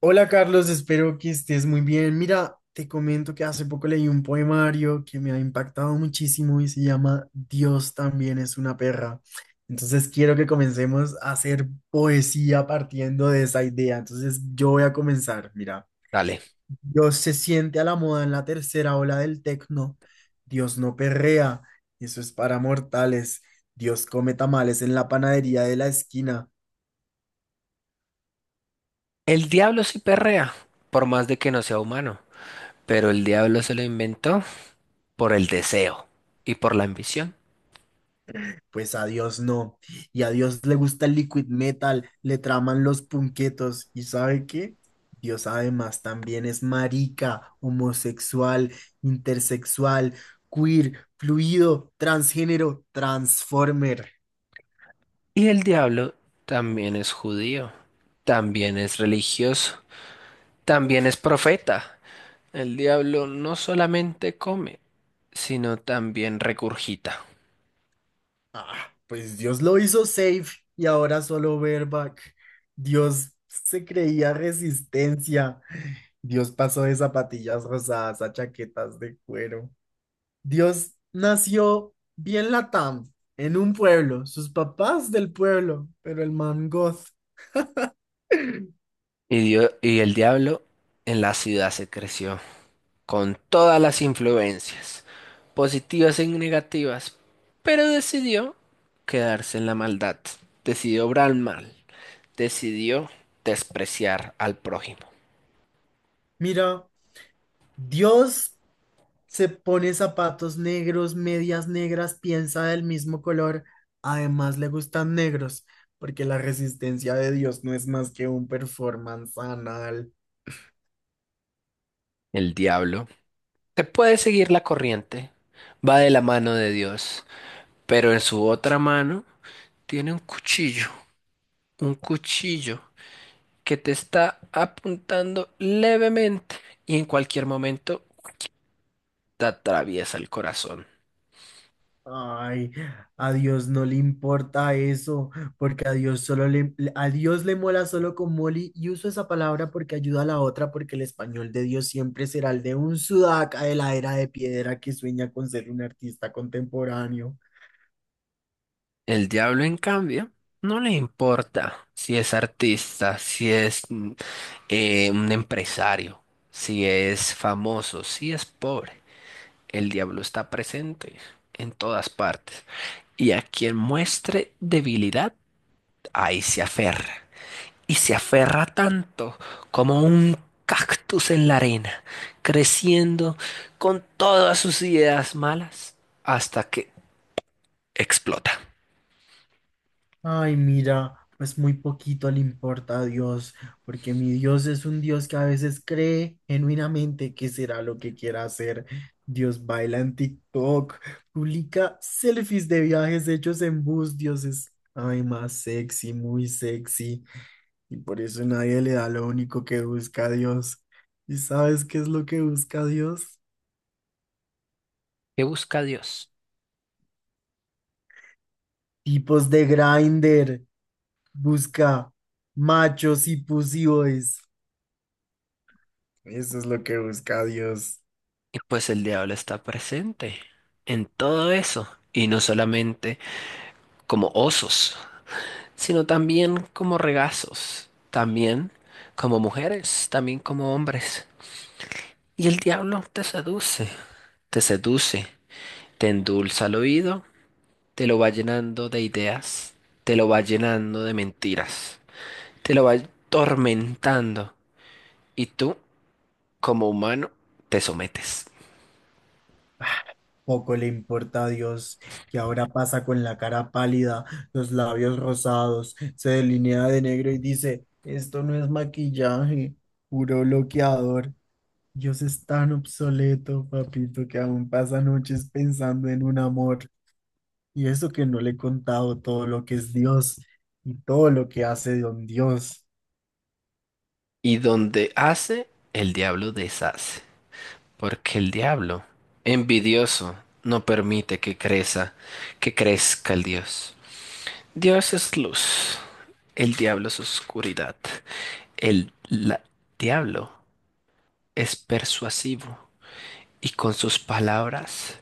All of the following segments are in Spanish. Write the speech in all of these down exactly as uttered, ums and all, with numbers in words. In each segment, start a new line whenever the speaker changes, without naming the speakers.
Hola Carlos, espero que estés muy bien. Mira, te comento que hace poco leí un poemario que me ha impactado muchísimo y se llama Dios también es una perra. Entonces quiero que comencemos a hacer poesía partiendo de esa idea. Entonces yo voy a comenzar. Mira,
Dale.
Dios se siente a la moda en la tercera ola del tecno. Dios no perrea, eso es para mortales. Dios come tamales en la panadería de la esquina.
El diablo sí perrea, por más de que no sea humano, pero el diablo se lo inventó por el deseo y por la ambición.
Pues a Dios no. Y a Dios le gusta el liquid metal, le traman los punquetos. ¿Y sabe qué? Dios además también es marica, homosexual, intersexual, queer, fluido, transgénero, transformer.
Y el diablo también es judío, también es religioso, también es profeta. El diablo no solamente come, sino también regurgita.
Ah, pues Dios lo hizo safe y ahora solo bareback. Dios se creía resistencia. Dios pasó de zapatillas rosadas a chaquetas de cuero. Dios nació bien Latam, en un pueblo, sus papás del pueblo, pero el man goth.
Y, dio- y el diablo en la ciudad se creció, con todas las influencias, positivas y negativas, pero decidió quedarse en la maldad, decidió obrar mal, decidió despreciar al prójimo.
Mira, Dios se pone zapatos negros, medias negras, piensa del mismo color, además le gustan negros, porque la resistencia de Dios no es más que un performance anal.
El diablo te puede seguir la corriente, va de la mano de Dios, pero en su otra mano tiene un cuchillo, un cuchillo que te está apuntando levemente y en cualquier momento te atraviesa el corazón.
Ay, a Dios no le importa eso, porque a Dios solo le, a Dios le mola solo con Molly y uso esa palabra porque ayuda a la otra, porque el español de Dios siempre será el de un sudaca de la era de piedra que sueña con ser un artista contemporáneo.
El diablo, en cambio, no le importa si es artista, si es mm, eh, un empresario, si es famoso, si es pobre. El diablo está presente en todas partes. Y a quien muestre debilidad, ahí se aferra. Y se aferra tanto como un cactus en la arena, creciendo con todas sus ideas malas hasta que explota.
Ay, mira, pues muy poquito le importa a Dios, porque mi Dios es un Dios que a veces cree genuinamente que será lo que quiera hacer. Dios baila en TikTok, publica selfies de viajes hechos en bus, Dios es, ay, más sexy, muy sexy, y por eso nadie le da lo único que busca a Dios. ¿Y sabes qué es lo que busca Dios?
¿Qué busca Dios?
Tipos de grinder busca machos y pussyboys. Eso es lo que busca Dios.
Y pues el diablo está presente en todo eso, y no solamente como osos, sino también como regazos, también como mujeres, también como hombres. Y el diablo te seduce, te seduce, te endulza el oído, te lo va llenando de ideas, te lo va llenando de mentiras, te lo va tormentando, y tú, como humano, te sometes.
Poco le importa a Dios que ahora pasa con la cara pálida, los labios rosados, se delinea de negro y dice, esto no es maquillaje, puro bloqueador. Dios es tan obsoleto, papito, que aún pasa noches pensando en un amor. Y eso que no le he contado todo lo que es Dios y todo lo que hace don Dios.
Y donde hace, el diablo deshace. Porque el diablo, envidioso, no permite que crezca, que crezca el Dios. Dios es luz, el diablo es oscuridad. El la- diablo es persuasivo y con sus palabras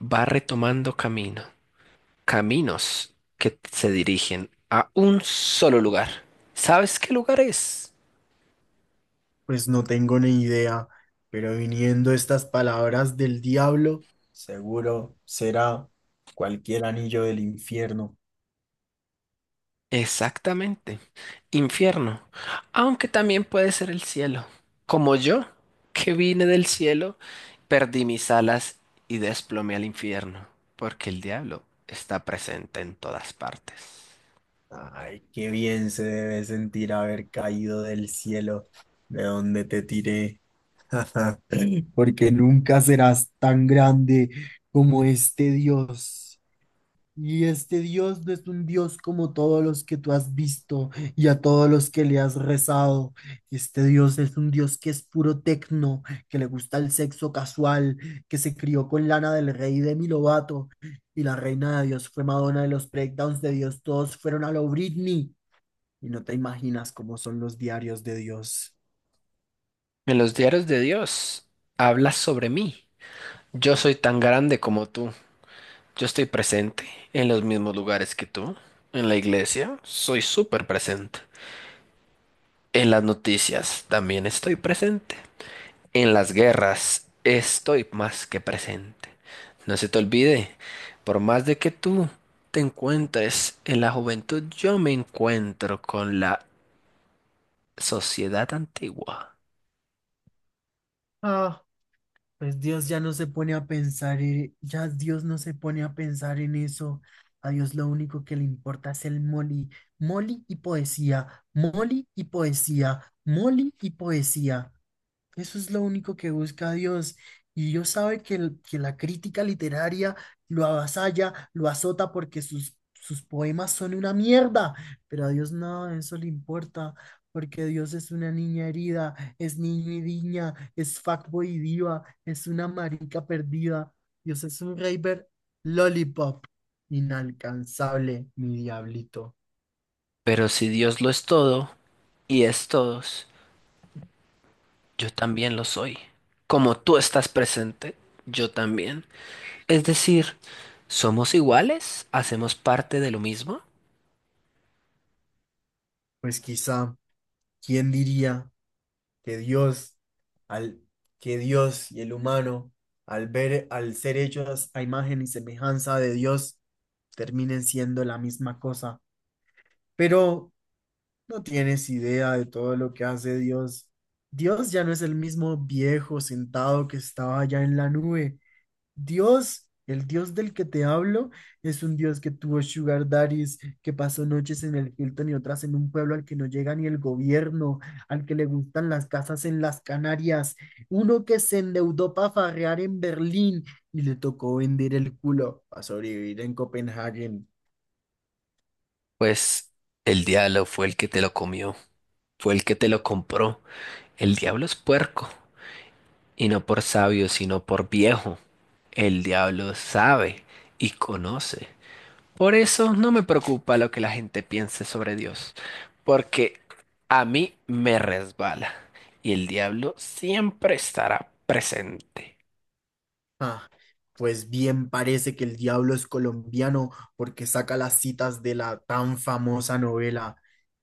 va retomando camino, caminos que se dirigen a un solo lugar. ¿Sabes qué lugar es?
Pues no tengo ni idea, pero viniendo estas palabras del diablo, seguro será cualquier anillo del infierno.
Exactamente. Infierno. Aunque también puede ser el cielo. Como yo, que vine del cielo, perdí mis alas y desplomé al infierno, porque el diablo está presente en todas partes.
Ay, qué bien se debe sentir haber caído del cielo de donde te tiré, porque nunca serás tan grande como este Dios. Y este Dios no es un Dios como todos los que tú has visto y a todos los que le has rezado. Este Dios es un Dios que es puro tecno, que le gusta el sexo casual, que se crió con Lana del Rey y Demi Lovato. Y la reina de Dios fue Madonna y los breakdowns de Dios todos fueron a lo Britney. Y no te imaginas cómo son los diarios de Dios.
En los diarios de Dios habla sobre mí. Yo soy tan grande como tú. Yo estoy presente en los mismos lugares que tú. En la iglesia soy súper presente. En las noticias también estoy presente. En las guerras estoy más que presente. No se te olvide, por más de que tú te encuentres en la juventud, yo me encuentro con la sociedad antigua.
Ah. Pues Dios ya no se pone a pensar, en- ya Dios no se pone a pensar en eso. A Dios lo único que le importa es el Molly. Molly y poesía, Molly y poesía, Molly y poesía. Eso es lo único que busca Dios. Y Dios sabe que, el- que la crítica literaria lo avasalla, lo azota porque sus, sus poemas son una mierda. Pero a Dios nada de eso le importa, porque Dios es una niña herida, es niño y niña, es fuckboy y diva, es una marica perdida. Dios es un raver lollipop, inalcanzable, mi diablito.
Pero si Dios lo es todo y es todos, yo también lo soy. Como tú estás presente, yo también. Es decir, ¿somos iguales? ¿Hacemos parte de lo mismo?
Pues quizá, ¿quién diría que Dios, al, que Dios y el humano, al ver, al ser hechos a imagen y semejanza de Dios, terminen siendo la misma cosa? Pero no tienes idea de todo lo que hace Dios. Dios ya no es el mismo viejo sentado que estaba allá en la nube. Dios, el Dios del que te hablo, es un Dios que tuvo sugar daddies, que pasó noches en el Hilton y otras en un pueblo al que no llega ni el gobierno, al que le gustan las casas en las Canarias, uno que se endeudó para farrear en Berlín y le tocó vender el culo para sobrevivir en Copenhague.
Pues el diablo fue el que te lo comió, fue el que te lo compró. El diablo es puerco, y no por sabio, sino por viejo. El diablo sabe y conoce. Por eso no me preocupa lo que la gente piense sobre Dios, porque a mí me resbala, y el diablo siempre estará presente.
Ah, pues bien parece que el diablo es colombiano porque saca las citas de la tan famosa novela.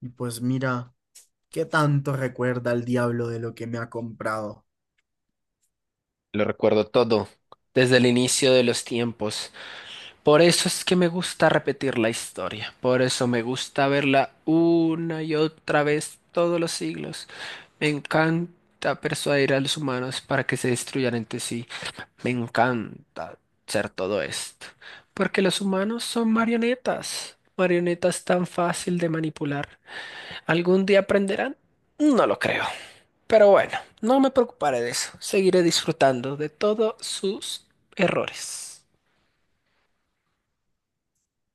Y pues mira. ¿Qué tanto recuerda el diablo de lo que me ha comprado?
Lo recuerdo todo, desde el inicio de los tiempos. Por eso es que me gusta repetir la historia, por eso me gusta verla una y otra vez todos los siglos. Me encanta persuadir a los humanos para que se destruyan entre sí. Me encanta hacer todo esto, porque los humanos son marionetas, marionetas tan fácil de manipular. ¿Algún día aprenderán? No lo creo. Pero bueno, no me preocuparé de eso. Seguiré disfrutando de todos sus errores.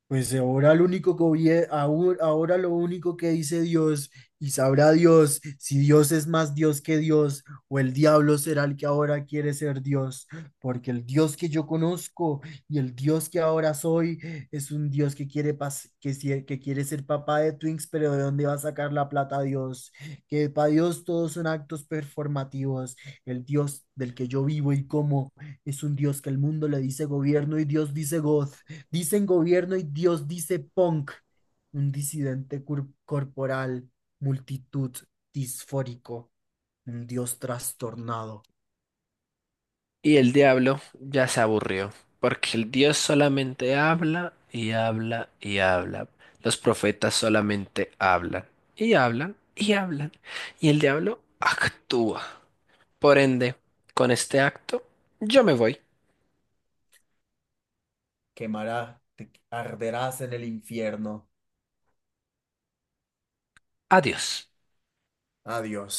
Pues ahora lo único que obvie- ahu- ahora lo único que dice Dios y sabrá Dios si Dios es más Dios que Dios o el diablo será el que ahora quiere ser Dios, porque el Dios que yo conozco y el Dios que ahora soy es un Dios que quiere pas- que, sie- que quiere ser papá de Twinks, pero ¿de dónde va a sacar la plata Dios? Que para Dios todos son actos performativos. El Dios del que yo vivo y como es un Dios que el mundo le dice gobierno y Dios dice God. Dicen gobierno y Dios dice punk. Un disidente cur- corporal, multitud disfórico, un Dios trastornado.
Y el diablo ya se aburrió, porque el Dios solamente habla y habla y habla. Los profetas solamente hablan y hablan y hablan. Y el diablo actúa. Por ende, con este acto, yo me voy.
Quemará, te arderás en el infierno.
Adiós.
Adiós.